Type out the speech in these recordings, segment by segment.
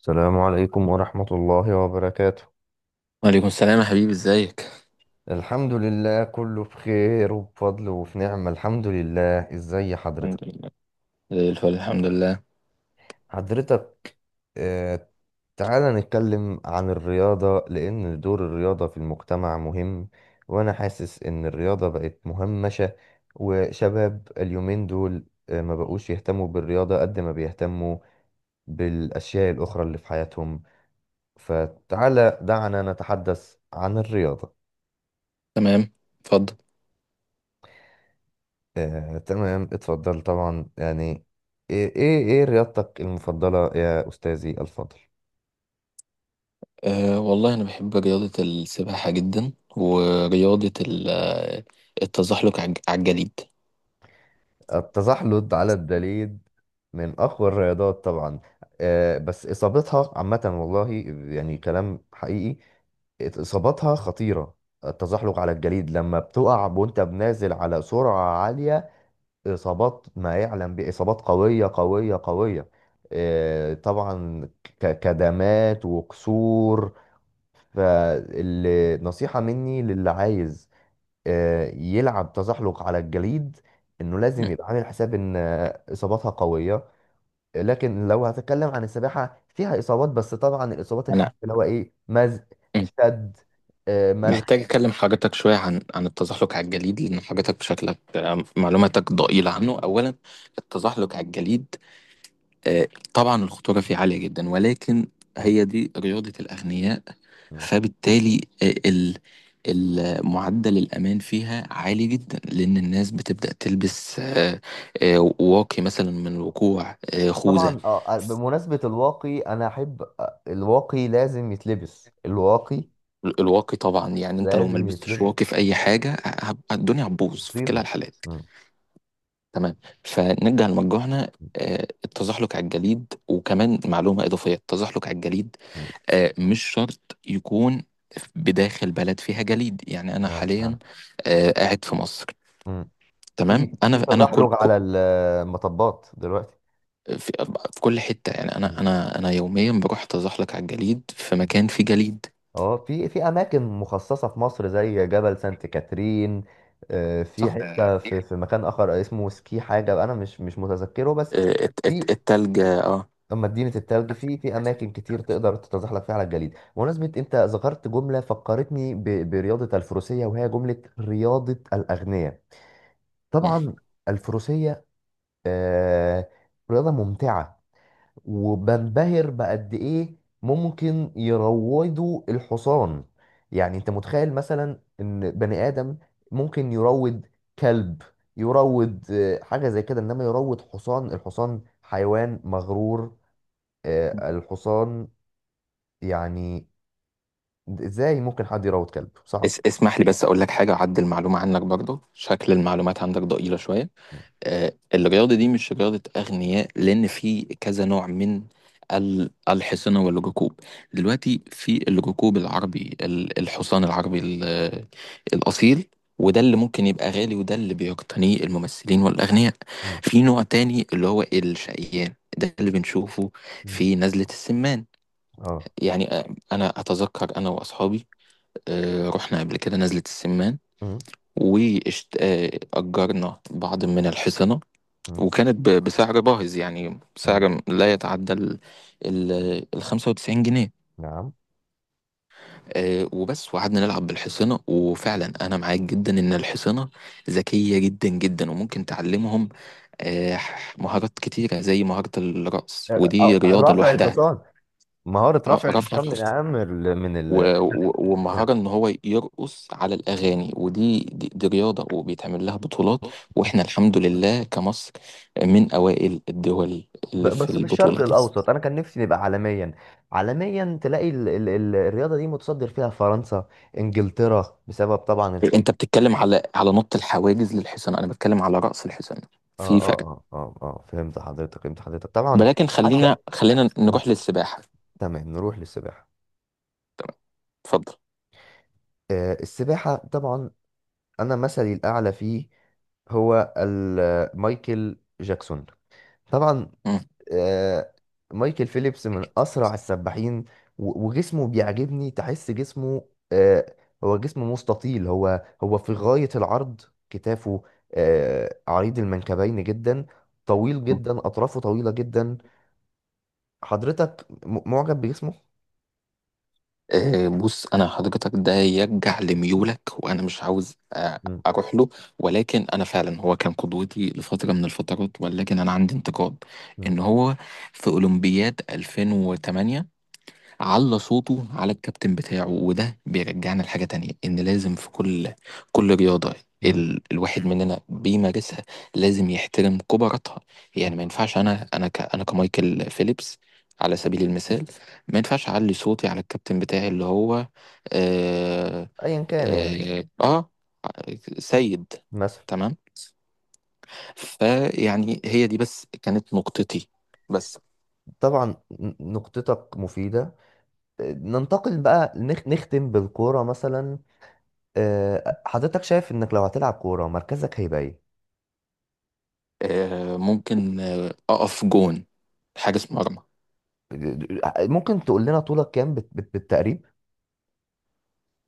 السلام عليكم ورحمة الله وبركاته. وعليكم السلام يا حبيبي ازيك. الحمد لله، كله بخير وبفضل وفي نعمة، الحمد لله. ازاي حضرتك؟ الحمد لله، زي الفل الحمد لله. حضرتك؟ آه. تعالى نتكلم عن الرياضة، لأن دور الرياضة في المجتمع مهم. وأنا حاسس إن الرياضة بقت مهمشة. وشباب اليومين دول ما بقوش يهتموا بالرياضة قد ما بيهتموا بالأشياء الأخرى اللي في حياتهم. فتعالى دعنا نتحدث عن الرياضة. تمام، اتفضل. تمام، اتفضل طبعا. يعني ايه ايه إيه رياضتك المفضلة يا أستاذي الفاضل؟ أه والله انا بحب رياضة السباحة جدا ورياضة التزحلق على الجليد. التزحلق على الجليد من أقوى الرياضات طبعا. بس إصابتها عامة والله، يعني كلام حقيقي، إصاباتها خطيرة. التزحلق على الجليد لما بتقع وانت بنازل على سرعة عالية، إصابات ما يعلم، بإصابات قوية قوية قوية. طبعا، كدمات وكسور. فالنصيحة مني للي عايز يلعب تزحلق على الجليد، انه لازم مم. يبقى عامل حساب ان اصاباتها قوية. لكن لو هتكلم عن السباحة، فيها اصابات بس طبعا الاصابات انا الخفيفة، اللي هو ايه، مزق، مم. شد، ملخ. محتاج اكلم حضرتك شوية عن عن التزحلق على الجليد لان حضرتك شكلك معلوماتك ضئيلة عنه اولا. التزحلق على الجليد، آه، طبعا الخطورة فيه عالية جدا، ولكن م- هي دي رياضة الأغنياء. م. فبالتالي معدل الأمان فيها عالي جدا، لأن الناس بتبدأ تلبس واقي مثلا من الوقوع، خوذة. طبعا. بمناسبة الواقي، انا احب الواقي، لازم يتلبس الواقي، الواقي طبعا، يعني أنت لو ما لازم لبستش يتلبس. واقي في أي حاجة الدنيا هتبوظ في كلا مصيبة. الحالات. م- تمام، فنرجع لمرجوعنا. م- التزحلق على الجليد، وكمان معلومة إضافية: التزحلق على الجليد م. مش شرط يكون بداخل بلد فيها جليد. يعني انا نعم نعم. حاليا قاعد في مصر. م. تمام، في في انا تزحلق على المطبات دلوقتي. في في كل حته، يعني انا م- انا انا يوميا بروح اتزحلق على الجليد في م. مكان فيه جليد. اه، في في اماكن مخصصه في مصر زي جبل سانت كاترين. في صح، حته في في مكان اخر اسمه سكي حاجه، انا مش مش متذكره بس. في التلج اه. مدينه التلج، في في اماكن كتير تقدر تتزحلق فيها على الجليد. بمناسبه انت ذكرت جمله فكرتني برياضه الفروسيه، وهي جمله رياضه الاغنياء. مم. طبعا الفروسيه، آه، رياضه ممتعه. وبنبهر بقد ايه ممكن يروضوا الحصان. يعني انت متخيل مثلا ان بني ادم ممكن يروض كلب، يروض حاجه زي كده، انما يروض حصان؟ الحصان حيوان مغرور. الحصان يعني، ازاي ممكن حد يروض كلب صعب. اسمح لي بس اقول لك حاجه، اعدل المعلومه عنك برضو، شكل المعلومات عندك ضئيله شويه. الرياضة دي مش رياضة أغنياء، لأن في كذا نوع من الحصانة والركوب. دلوقتي في الركوب العربي، الحصان العربي الأصيل، وده اللي ممكن يبقى غالي، وده اللي بيقتنيه الممثلين والأغنياء. مم. في نوع تاني اللي هو الشقيان، ده اللي بنشوفه مم. في نزلة السمان. اه. يعني أنا أتذكر أنا وأصحابي رحنا قبل كده نزلة السمان، مم. وأجرنا بعض من الحصنة، مم. وكانت بسعر باهظ. يعني مم. سعر لا يتعدى ال ال 95 جنيه. نعم. وبس. وقعدنا نلعب بالحصانة. وفعلا أنا معاك جدا إن الحصانة ذكية جدا جدا، وممكن تعلمهم آه، مهارات كتيرة زي مهارة الرقص، ودي رياضة رفع لوحدها. الحصان، مهارة اه رفع رفع الحصان من الحصن، أهم ال- من ال ومهارة إن هو يرقص على الأغاني، ودي دي رياضة وبيتعمل لها بطولات. آه. وإحنا الحمد لله كمصر من أوائل الدول اللي في بس في الشرق البطولة دي. الاوسط، انا كان نفسي نبقى عالميا. عالميا تلاقي ال ال ال الرياضه دي متصدر فيها فرنسا، انجلترا، بسبب طبعا الخيل. انت بتتكلم على على نط الحواجز للحصان، انا بتكلم على رأس الحصان، في فرق. اه فهمت حضرتك، فهمت حضرتك طبعا. ولكن حتى، خلينا م، نروح للسباحة. تمام نروح للسباحه. تمام، اتفضل. آه السباحه طبعا، انا مثلي الاعلى فيه هو مايكل جاكسون طبعا. مم. آه، مايكل فيليبس من اسرع السباحين، وجسمه بيعجبني. تحس جسمه جسمه مستطيل، هو في غاية العرض، كتافه عريض المنكبين جدا، طويل جدا، اطرافه طويلة جدا. حضرتك معجب بجسمه؟ بص، انا حضرتك ده يرجع لميولك، وانا مش عاوز مم، اروح له، ولكن انا فعلا هو كان قدوتي لفتره من الفترات، ولكن انا عندي انتقاد ان مم، هو في اولمبياد 2008 على صوته على الكابتن بتاعه. وده بيرجعنا لحاجة تانية: إن لازم في كل رياضة مم، الواحد مننا بيمارسها لازم يحترم كبراتها. مم. يعني ما ينفعش أنا كمايكل فيليبس على سبيل المثال ما ينفعش أعلي صوتي على الكابتن بتاعي اللي هو آه ايا كان يعني. آه, آه سيد. مثلا، تمام، فيعني هي دي بس كانت نقطتي. بس طبعا نقطتك مفيدة. ننتقل بقى، نختم بالكورة مثلا. حضرتك شايف انك لو هتلعب كورة مركزك هيبقى ايه؟ ممكن أقف جون، حارس مرمى. ممكن تقول لنا طولك كام بالتقريب؟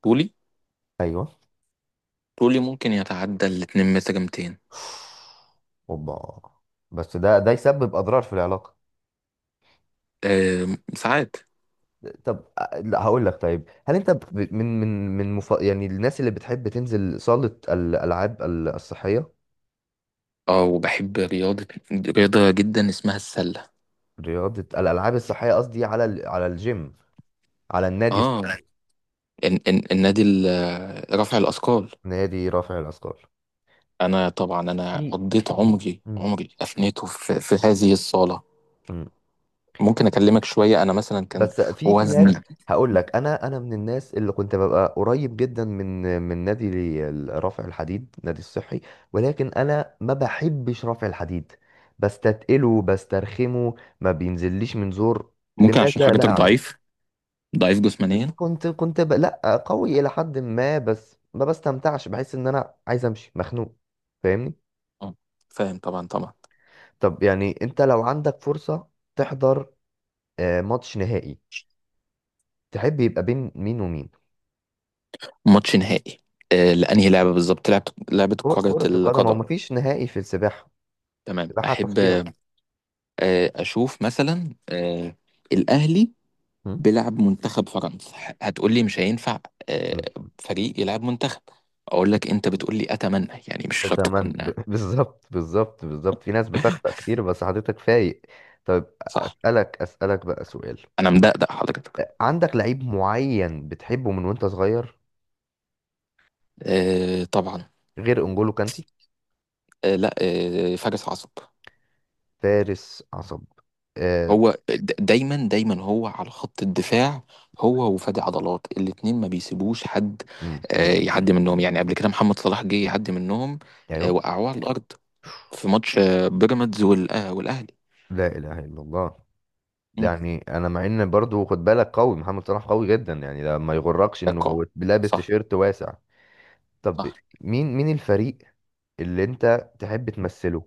طولي ايوه. طولي ممكن يتعدى الاتنين متر 200. اوبا! بس ده يسبب اضرار في العلاقة. أه، ساعات. طب لا، هقول لك. طيب، هل انت من يعني، الناس اللي بتحب تنزل صالة الالعاب الصحية، اه، وبحب رياضة جدا اسمها السلة. رياضة الالعاب الصحية، قصدي على على الجيم، على النادي اه، الصحي؟ النادي رفع الأثقال. نادي رافع الاثقال. أنا طبعا أنا في. قضيت مم. عمري أفنيته في, في هذه الصالة. مم. ممكن أكلمك شوية، أنا مثلا كان بس في في ناس، وزني… هقول لك، انا من الناس اللي كنت ببقى قريب جدا من نادي رفع الحديد، نادي الصحي. ولكن انا ما بحبش رفع الحديد. بستتقله، بسترخمه. ما بينزليش من زور، ممكن عشان لماذا لا حضرتك اعلم. ضعيف، ضعيف جسمانيا. كنت لا، قوي الى حد ما، بس ما بستمتعش، بحس ان انا عايز امشي مخنوق. فاهمني؟ آه، فاهم طبعا طبعا. طب، يعني انت لو عندك فرصة تحضر ماتش نهائي، تحب يبقى بين مين ومين؟ ماتش نهائي لأنهي لعبة؟ بالظبط، لعبة كرة كرة القدم. هو القدم. مفيش نهائي في السباحة، تمام، السباحة أحب تصفية. اشوف مثلا الاهلي م؟ بيلعب منتخب فرنسا. هتقول لي مش هينفع م. آه، فريق يلعب منتخب، اقول لك انت بتقول لي اتمنى، يعني مش شرط تمام. تكون. بالظبط، بالظبط، بالظبط. في ناس بتخطأ كتير بس حضرتك فايق. طيب، صح، أسألك بقى سؤال. انا مدقدق حضرتك. عندك لعيب معين بتحبه من وانت صغير طبعا. غير انجولو كانتي؟ لا. فارس عصب. فارس عصب. آه. هو دايما دايما هو على خط الدفاع، هو وفادي عضلات الاتنين ما بيسيبوش حد م. يعدي منهم. يعني قبل كده محمد صلاح جه يعدي منهم، ايوه. وقعوه على الارض في ماتش بيراميدز والاهلي. لا اله الا الله. مم. يعني انا، مع ان برضو خد بالك، قوي، محمد صلاح قوي جدا يعني، ده ما يغركش انه كعقاب، هو لابس صح، تيشيرت واسع. طب صح. مين الفريق اللي انت تحب تمثله،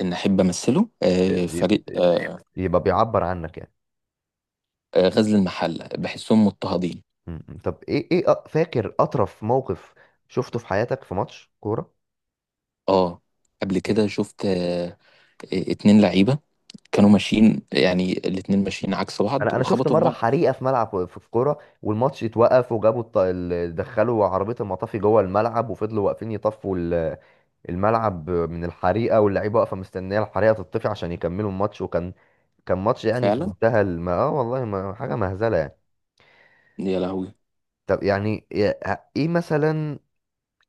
ان احب امثله فريق يبقى يبقى بيعبر عنك يعني؟ غزل المحله، بحسهم مضطهدين. م. طب ايه فاكر اطرف موقف شفته في حياتك في ماتش كوره؟ اه، قبل ايه؟ كده شفت اتنين لعيبه كانوا ماشيين، يعني الاتنين ماشيين عكس بعض انا شفت وخبطوا في مره بعض. حريقه في ملعب، في في كوره، والماتش اتوقف، وجابوا دخلوا عربيه المطافي جوه الملعب، وفضلوا واقفين يطفوا الملعب من الحريقه، واللعيبه واقفه مستنيه الحريقه تطفي عشان يكملوا الماتش. كان ماتش يعني في فعلا، منتهى اه والله، ما حاجه مهزله يعني. يا لهوي. طب يعني، ايه مثلا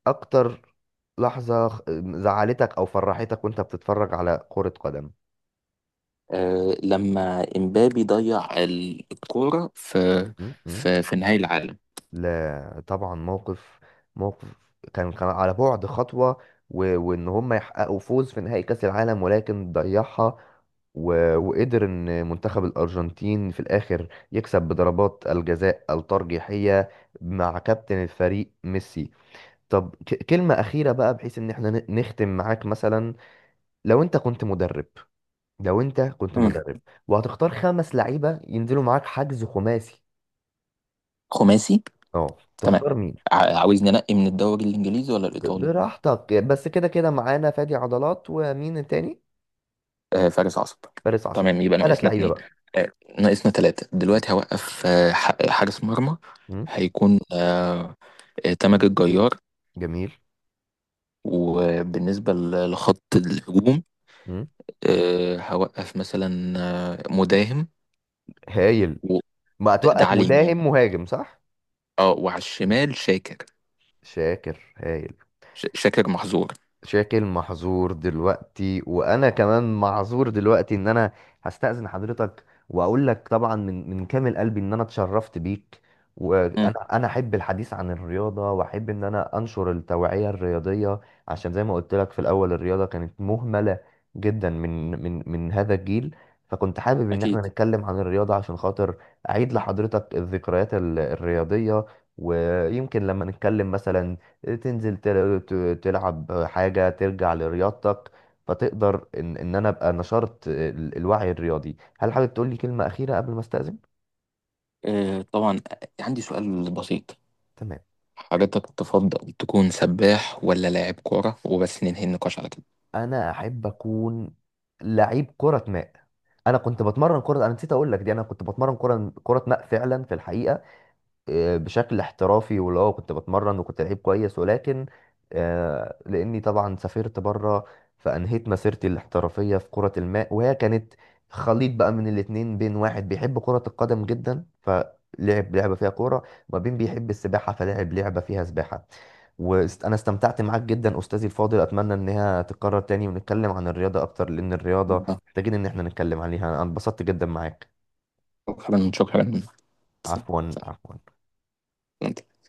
اكتر لحظة زعلتك او فرحتك وانت بتتفرج على كرة قدم؟ لما امبابي ضيع الكوره في م. في نهائي العالم. لا طبعا، موقف، موقف كان، على بعد خطوة، وان هم يحققوا فوز في نهائي كأس العالم ولكن ضيعها، وقدر ان منتخب الارجنتين في الاخر يكسب بضربات الجزاء الترجيحية مع كابتن الفريق ميسي. طب كلمة أخيرة بقى، بحيث إن احنا نختم معاك مثلا. لو انت كنت مدرب، لو انت كنت مم. مدرب، وهتختار خمس لعيبه ينزلوا معاك حجز خماسي، خماسي. اه تمام، تختار مين؟ عاوزني انقي من الدوري الانجليزي ولا الايطالي؟ براحتك. بس كده كده معانا فادي عضلات، ومين التاني؟ فارس عصب. فارس عصام. تمام، يبقى ثلاث ناقصنا لعيبه اتنين. بقى. آه، ناقصنا تلاتة مم. دلوقتي. هوقف حارس مرمى، مم. هيكون تامر الجيار. جميل. وبالنسبة لخط الهجوم مم. هوقف مثلا مداهم، هايل. وده ما ده هتوقف على اليمين، مداهم، مهاجم، صح. اه، وعلى مم. الشمال شاكر. شاكر هايل. شاكر محظور. شاكل محظور دلوقتي، وانا كمان معذور دلوقتي. ان انا هستأذن حضرتك، واقول لك طبعا من من كامل قلبي ان انا اتشرفت بيك. مم، وانا انا احب الحديث عن الرياضه، واحب ان انا انشر التوعيه الرياضيه. عشان زي ما قلت لك في الاول، الرياضه كانت مهمله جدا من هذا الجيل. فكنت حابب ان أكيد احنا نتكلم عن الرياضه عشان خاطر اعيد لحضرتك الذكريات الرياضيه. ويمكن لما نتكلم مثلا تنزل تلعب حاجة، ترجع لرياضتك، فتقدر ان انا ابقى نشرت الوعي الرياضي. هل حابب تقول لي كلمة أخيرة قبل ما استأذن؟ طبعا. عندي سؤال بسيط: تمام، حضرتك تفضل تكون سباح ولا لاعب كورة؟ وبس ننهي النقاش على كده. انا احب اكون لعيب كرة ماء. انا كنت بتمرن كرة، انا نسيت اقول لك دي، انا كنت بتمرن كرة ماء فعلا في الحقيقة، بشكل احترافي، واللي هو كنت بتمرن وكنت لعيب كويس. ولكن لاني طبعا سافرت بره، فانهيت مسيرتي الاحترافيه في كره الماء. وهي كانت خليط بقى من الاتنين، بين واحد بيحب كره القدم جدا فلعب لعبه فيها كوره، وما بين بيحب السباحه فلعب لعبه فيها سباحه. وانا استمتعت معاك جدا استاذي الفاضل، اتمنى انها تتكرر تاني ونتكلم عن الرياضه اكتر، لان الرياضه آه، محتاجين ان احنا نتكلم عليها. انا انبسطت جدا معاك. شكرا شكرا. عفوا، عفوا. أنت